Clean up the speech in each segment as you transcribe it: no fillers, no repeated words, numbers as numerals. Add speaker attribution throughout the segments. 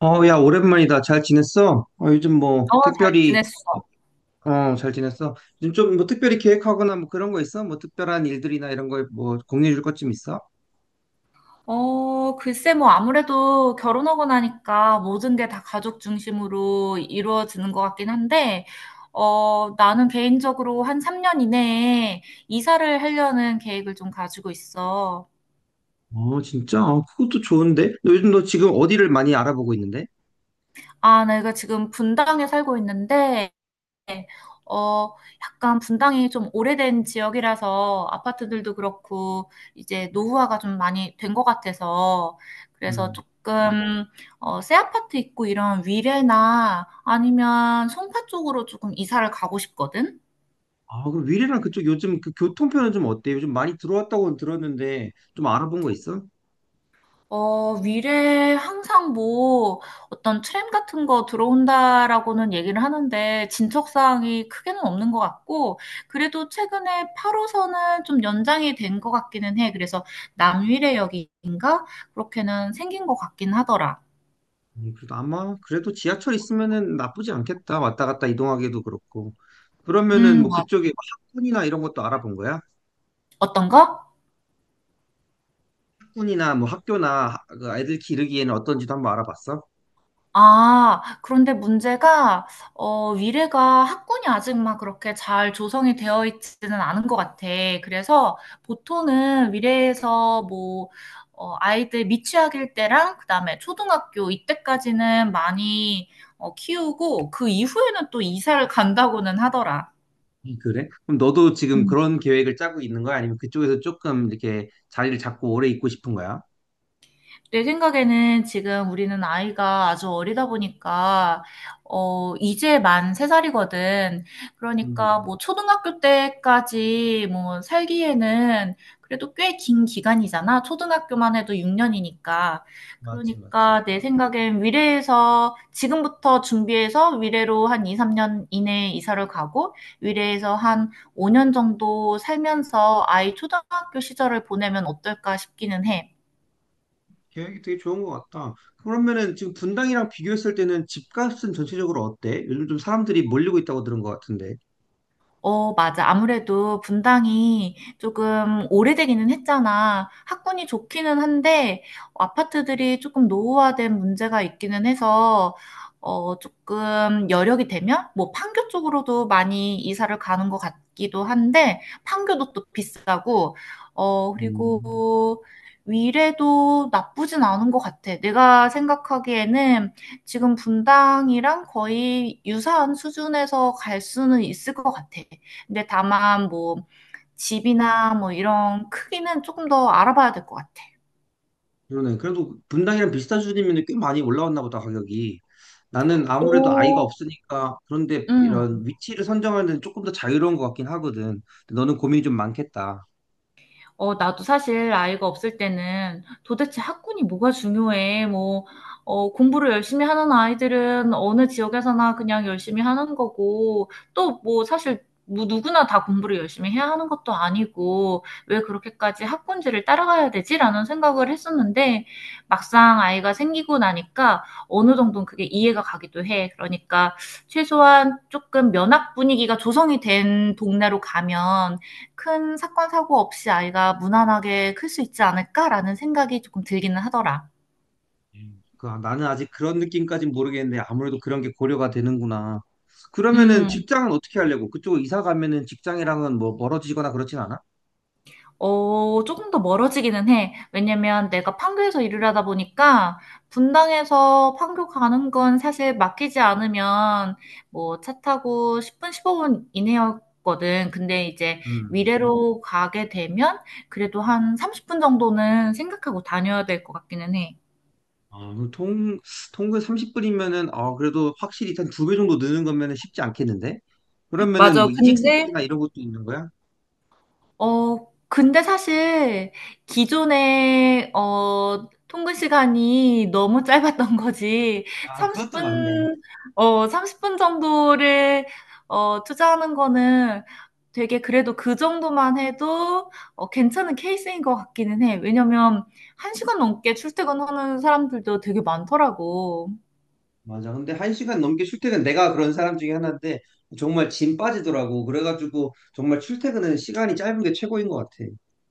Speaker 1: 야, 오랜만이다. 잘 지냈어? 어, 요즘 뭐,
Speaker 2: 어, 잘
Speaker 1: 특별히,
Speaker 2: 지냈어.
Speaker 1: 어, 잘 지냈어? 요즘 좀 뭐, 특별히 계획하거나 뭐 그런 거 있어? 뭐, 특별한 일들이나 이런 거 뭐, 공유해 줄 것 좀 있어?
Speaker 2: 글쎄, 뭐, 아무래도 결혼하고 나니까 모든 게 다 가족 중심으로 이루어지는 것 같긴 한데, 나는 개인적으로 한 3년 이내에 이사를 하려는 계획을 좀 가지고 있어.
Speaker 1: 어, 진짜? 어, 그것도 좋은데? 너 지금 어디를 많이 알아보고 있는데?
Speaker 2: 아, 내가 지금 분당에 살고 있는데, 어, 약간 분당이 좀 오래된 지역이라서 아파트들도 그렇고 이제 노후화가 좀 많이 된 것 같아서 그래서
Speaker 1: 음.
Speaker 2: 조금 새 아파트 있고 이런 위례나 아니면 송파 쪽으로 조금 이사를 가고 싶거든.
Speaker 1: 아, 그럼 위례랑 그쪽 요즘 그 교통편은 좀 어때? 요즘 많이 들어왔다고 들었는데, 좀 알아본 거 있어?
Speaker 2: 미래에 항상 뭐 어떤 트램 같은 거 들어온다라고는 얘기를 하는데 진척사항이 크게는 없는 것 같고, 그래도 최근에 8호선은 좀 연장이 된 것 같기는 해. 그래서 남위례역인가? 그렇게는 생긴 것 같긴 하더라.
Speaker 1: 그래도 아마 그래도 지하철 있으면은 나쁘지 않겠다. 왔다 갔다 이동하기도 그렇고. 그러면은 뭐
Speaker 2: 뭐,
Speaker 1: 그쪽에 뭐 학군이나 이런 것도 알아본 거야?
Speaker 2: 어떤 거?
Speaker 1: 학군이나 뭐 그 아이들 기르기에는 어떤지도 한번 알아봤어?
Speaker 2: 아, 그런데 문제가, 위례가 학군이 아직 막 그렇게 잘 조성이 되어 있지는 않은 것 같아. 그래서 보통은 위례에서 뭐, 아이들 미취학일 때랑 그다음에 초등학교 이때까지는 많이 키우고 그 이후에는 또 이사를 간다고는 하더라.
Speaker 1: 그래? 그럼 너도 지금 그런 계획을 짜고 있는 거야? 아니면 그쪽에서 조금 이렇게 자리를 잡고 오래 있고 싶은 거야?
Speaker 2: 내 생각에는 지금 우리는 아이가 아주 어리다 보니까, 이제 만 3살이거든.
Speaker 1: 음,
Speaker 2: 그러니까 뭐 초등학교 때까지 뭐 살기에는 그래도 꽤 긴 기간이잖아. 초등학교만 해도 6년이니까.
Speaker 1: 맞지, 맞지.
Speaker 2: 그러니까 내 생각엔 위례에서 지금부터 준비해서 위례로 한 2, 3년 이내에 이사를 가고 위례에서 한 5년 정도 살면서 아이 초등학교 시절을 보내면 어떨까 싶기는 해.
Speaker 1: 계획이 되게 좋은 것 같다. 그러면은 지금 분당이랑 비교했을 때는 집값은 전체적으로 어때? 요즘 좀 사람들이 몰리고 있다고 들은 것 같은데.
Speaker 2: 어, 맞아. 아무래도 분당이 조금 오래되기는 했잖아. 학군이 좋기는 한데, 아파트들이 조금 노후화된 문제가 있기는 해서, 조금 여력이 되면, 뭐, 판교 쪽으로도 많이 이사를 가는 것 같기도 한데, 판교도 또 비싸고, 어,
Speaker 1: 음.
Speaker 2: 그리고 위례도 나쁘진 않은 것 같아. 내가 생각하기에는 지금 분당이랑 거의 유사한 수준에서 갈 수는 있을 것 같아. 근데 다만 뭐 집이나 뭐 이런 크기는 조금 더 알아봐야 될 것 같아.
Speaker 1: 그러네. 그래도 분당이랑 비슷한 수준이면 꽤 많이 올라왔나 보다, 가격이. 나는 아무래도 아이가
Speaker 2: 오,
Speaker 1: 없으니까 그런데
Speaker 2: 음.
Speaker 1: 이런 위치를 선정하는 데는 조금 더 자유로운 것 같긴 하거든. 근데 너는 고민이 좀 많겠다.
Speaker 2: 나도 사실 아이가 없을 때는 도대체 학군이 뭐가 중요해? 뭐, 공부를 열심히 하는 아이들은 어느 지역에서나 그냥 열심히 하는 거고, 또 뭐 사실 뭐 누구나 다 공부를 열심히 해야 하는 것도 아니고, 왜 그렇게까지 학군지를 따라가야 되지? 라는 생각을 했었는데, 막상 아이가 생기고 나니까 어느 정도는 그게 이해가 가기도 해. 그러니까 최소한 조금 면학 분위기가 조성이 된 동네로 가면 큰 사건 사고 없이 아이가 무난하게 클 수 있지 않을까라는 생각이 조금 들기는 하더라.
Speaker 1: 음. 나는 아직 그런 느낌까진 모르겠는데 아무래도 그런 게 고려가 되는구나. 그러면은
Speaker 2: 음,
Speaker 1: 직장은 어떻게 하려고? 그쪽으로 이사 가면은 직장이랑은 뭐 멀어지거나 그렇진 않아?
Speaker 2: 조금 더 멀어지기는 해. 왜냐면 내가 판교에서 일을 하다 보니까 분당에서 판교 가는 건 사실 맡기지 않으면 뭐 차 타고 10분, 15분 이내였거든. 근데 이제
Speaker 1: 음.
Speaker 2: 미래로 가게 되면 그래도 한 30분 정도는 생각하고 다녀야 될 것 같기는 해.
Speaker 1: 아, 그럼 통, 통근 30분이면은, 아, 그래도 확실히 한 두 배 정도 느는 거면은 쉽지 않겠는데? 그러면은
Speaker 2: 맞아.
Speaker 1: 뭐 이직
Speaker 2: 근데
Speaker 1: 생각이나 이런 것도 있는 거야?
Speaker 2: 어, 근데 사실 기존에 통근 시간이 너무 짧았던 거지.
Speaker 1: 아, 그것도
Speaker 2: 30분,
Speaker 1: 맞네.
Speaker 2: 30분 정도를 투자하는 거는 되게 그래도 그 정도만 해도 괜찮은 케이스인 것 같기는 해. 왜냐면 1시간 넘게 출퇴근하는 사람들도 되게 많더라고.
Speaker 1: 맞아. 근데 한 시간 넘게 출퇴근, 내가 그런 사람 중에 하나인데, 정말 짐 빠지더라고. 그래가지고, 정말 출퇴근은 시간이 짧은 게 최고인 것 같아.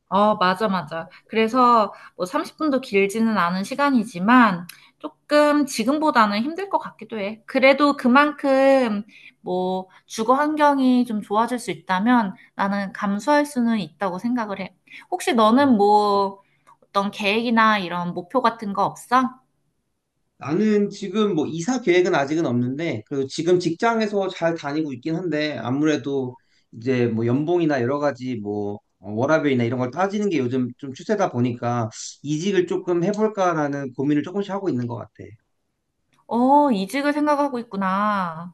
Speaker 2: 어, 맞아, 맞아. 그래서 뭐 30분도 길지는 않은 시간이지만 조금 지금보다는 힘들 것 같기도 해. 그래도 그만큼 뭐 주거 환경이 좀 좋아질 수 있다면 나는 감수할 수는 있다고 생각을 해. 혹시
Speaker 1: 음.
Speaker 2: 너는 뭐 어떤 계획이나 이런 목표 같은 거 없어?
Speaker 1: 나는 지금 뭐 이사 계획은 아직은 없는데, 그리고 지금 직장에서 잘 다니고 있긴 한데, 아무래도 이제 뭐 연봉이나 여러 가지 뭐, 워라밸이나 이런 걸 따지는 게 요즘 좀 추세다 보니까, 이직을 조금 해볼까라는 고민을 조금씩 하고 있는 것 같아.
Speaker 2: 어, 이직을 생각하고 있구나.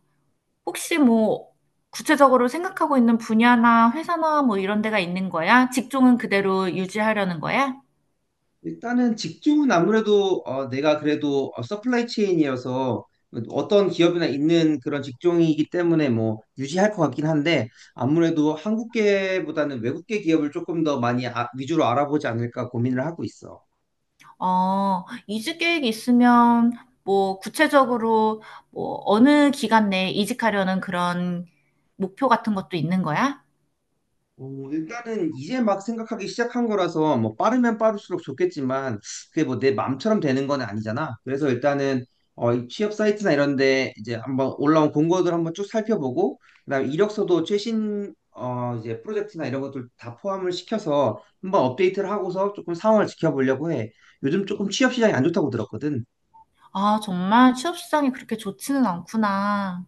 Speaker 2: 혹시 뭐 구체적으로 생각하고 있는 분야나 회사나 뭐 이런 데가 있는 거야? 직종은 그대로 유지하려는 거야?
Speaker 1: 일단은 직종은 아무래도, 내가 그래도, 서플라이 체인이어서 어떤 기업이나 있는 그런 직종이기 때문에 뭐 유지할 것 같긴 한데 아무래도 한국계보다는 외국계 기업을 조금 더 많이 위주로 알아보지 않을까 고민을 하고 있어.
Speaker 2: 이직 계획 이 있으면 뭐 구체적으로 뭐 어느 기간 내에 이직하려는 그런 목표 같은 것도 있는 거야?
Speaker 1: 어, 일단은 이제 막 생각하기 시작한 거라서 뭐 빠르면 빠를수록 좋겠지만 그게 뭐 내 맘처럼 되는 건 아니잖아. 그래서 일단은, 이 취업 사이트나 이런 데 이제 한번 올라온 공고들 한번 쭉 살펴보고 그다음 이력서도 최신, 이제 프로젝트나 이런 것들 다 포함을 시켜서 한번 업데이트를 하고서 조금 상황을 지켜보려고 해. 요즘 조금 취업 시장이 안 좋다고 들었거든.
Speaker 2: 아, 정말 취업 시장이 그렇게 좋지는 않구나.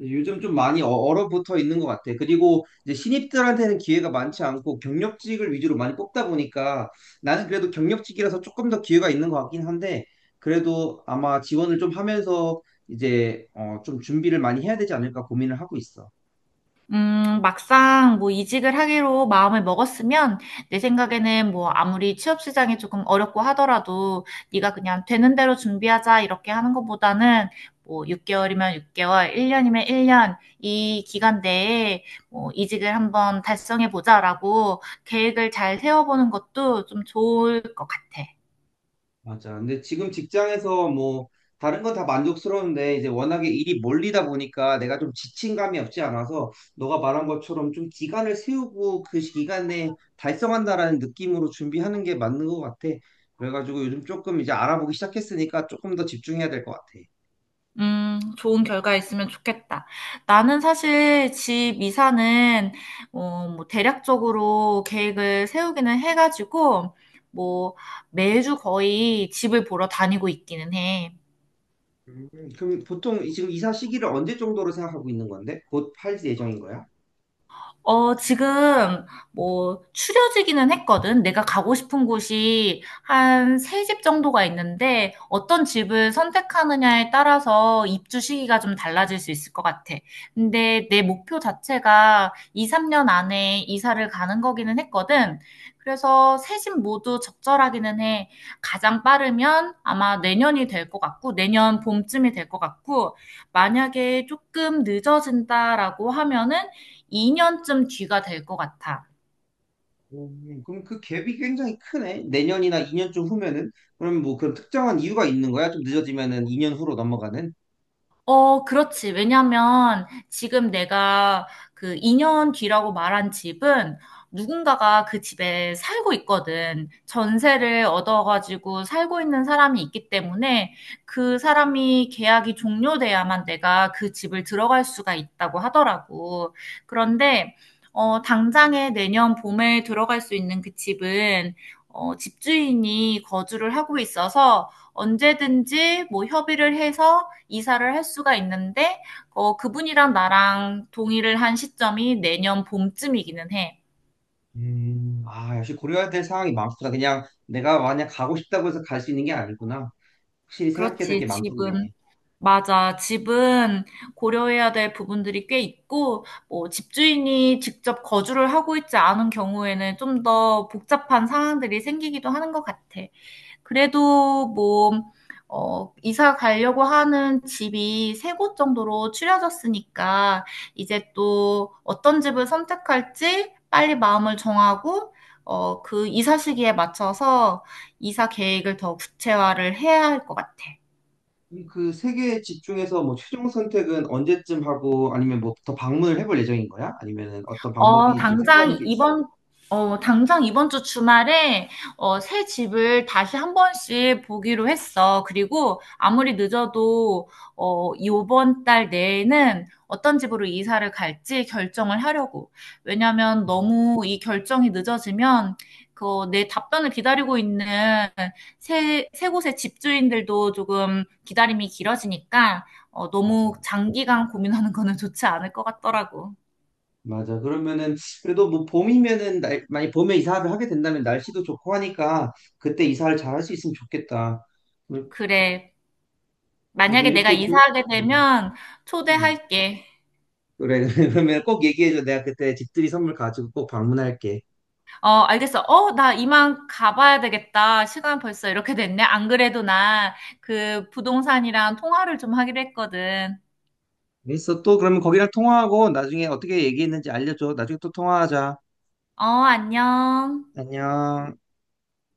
Speaker 1: 요즘 좀 많이 얼어붙어 있는 것 같아. 그리고 이제 신입들한테는 기회가 많지 않고 경력직을 위주로 많이 뽑다 보니까 나는 그래도 경력직이라서 조금 더 기회가 있는 것 같긴 한데 그래도 아마 지원을 좀 하면서 이제, 좀 준비를 많이 해야 되지 않을까 고민을 하고 있어.
Speaker 2: 막상 뭐 이직을 하기로 마음을 먹었으면 내 생각에는 뭐 아무리 취업 시장이 조금 어렵고 하더라도 네가 그냥 되는 대로 준비하자 이렇게 하는 것보다는 뭐 6개월이면 6개월, 1년이면 1년 이 기간 내에 뭐 이직을 한번 달성해 보자라고 계획을 잘 세워보는 것도 좀 좋을 것 같아.
Speaker 1: 맞아. 근데 지금 직장에서 뭐 다른 건 다 만족스러운데 이제 워낙에 일이 몰리다 보니까 내가 좀 지친 감이 없지 않아서 너가 말한 것처럼 좀 기간을 세우고 그 기간에 달성한다라는 느낌으로 준비하는 게 맞는 것 같아. 그래가지고 요즘 조금 이제 알아보기 시작했으니까 조금 더 집중해야 될 것 같아.
Speaker 2: 좋은 결과 있으면 좋겠다. 나는 사실 집 이사는, 뭐, 대략적으로 계획을 세우기는 해가지고, 뭐, 매주 거의 집을 보러 다니고 있기는 해.
Speaker 1: 음, 그럼 보통 지금 이사 시기를 언제 정도로 생각하고 있는 건데? 곧 팔 예정인 거야?
Speaker 2: 지금 뭐 추려지기는 했거든. 내가 가고 싶은 곳이 한 세 집 정도가 있는데 어떤 집을 선택하느냐에 따라서 입주 시기가 좀 달라질 수 있을 것 같아. 근데 내 목표 자체가 2, 3년 안에 이사를 가는 거기는 했거든. 그래서 세 집 모두 적절하기는 해. 가장 빠르면 아마 내년이 될 것 같고 내년 봄쯤이 될 것 같고, 만약에 조금 늦어진다라고 하면은 2년쯤 뒤가 될 것 같아.
Speaker 1: 그럼 그 갭이 굉장히 크네. 내년이나 2년쯤 후면은 그럼 뭐 그런 특정한 이유가 있는 거야? 좀 늦어지면은 2년 후로 넘어가는?
Speaker 2: 어, 그렇지. 왜냐면 지금 내가 그 2년 뒤라고 말한 집은 누군가가 그 집에 살고 있거든. 전세를 얻어가지고 살고 있는 사람이 있기 때문에 그 사람이 계약이 종료돼야만 내가 그 집을 들어갈 수가 있다고 하더라고. 그런데, 당장에 내년 봄에 들어갈 수 있는 그 집은 집주인이 거주를 하고 있어서 언제든지 뭐 협의를 해서 이사를 할 수가 있는데, 그분이랑 나랑 동의를 한 시점이 내년 봄쯤이기는 해.
Speaker 1: 아, 역시 고려해야 될 상황이 많구나. 그냥 내가 만약 가고 싶다고 해서 갈 수 있는 게 아니구나. 확실히 생각해야 될
Speaker 2: 그렇지,
Speaker 1: 게
Speaker 2: 집은.
Speaker 1: 많겠네.
Speaker 2: 맞아. 집은 고려해야 될 부분들이 꽤 있고, 뭐, 집주인이 직접 거주를 하고 있지 않은 경우에는 좀 더 복잡한 상황들이 생기기도 하는 것 같아. 그래도 뭐, 이사 가려고 하는 집이 세 곳 정도로 추려졌으니까 이제 또 어떤 집을 선택할지 빨리 마음을 정하고 그 이사 시기에 맞춰서 이사 계획을 더 구체화를 해야 할 것 같아.
Speaker 1: 그럼 그 세 개의 집 중에서 뭐 최종 선택은 언제쯤 하고 아니면 뭐 더 방문을 해볼 예정인 거야? 아니면은 어떤
Speaker 2: 어,
Speaker 1: 방법이 지금 생각하는
Speaker 2: 당장
Speaker 1: 게 있어?
Speaker 2: 이번, 당장 이번 주 주말에, 새 집을 다시 한 번씩 보기로 했어. 그리고 아무리 늦어도, 이번 달 내에는 어떤 집으로 이사를 갈지 결정을 하려고. 왜냐면
Speaker 1: 어,
Speaker 2: 너무 이 결정이 늦어지면, 그, 내 답변을 기다리고 있는 새 곳의 집주인들도 조금 기다림이 길어지니까,
Speaker 1: 맞아.
Speaker 2: 너무 장기간 고민하는 거는 좋지 않을 것 같더라고.
Speaker 1: 맞아. 그러면은 그래도 뭐 봄이면은 날, 만약 봄에 이사를 하게 된다면 날씨도 좋고 하니까 그때 이사를 잘 할 수 있으면 좋겠다. 그래-
Speaker 2: 그래.
Speaker 1: 그래도
Speaker 2: 만약에 내가
Speaker 1: 이렇게 기...
Speaker 2: 이사하게
Speaker 1: 음,
Speaker 2: 되면
Speaker 1: 음.
Speaker 2: 초대할게.
Speaker 1: 그래 그러면 꼭 얘기해줘. 내가 그때 집들이 선물 가지고 꼭 방문할게.
Speaker 2: 어, 알겠어. 나 이만 가봐야 되겠다. 시간 벌써 이렇게 됐네. 안 그래도 나 그 부동산이랑 통화를 좀 하기로 했거든.
Speaker 1: 알겠어. 또 그러면 거기랑 통화하고 나중에 어떻게 얘기했는지 알려줘. 나중에 또 통화하자.
Speaker 2: 어, 안녕.
Speaker 1: 안녕.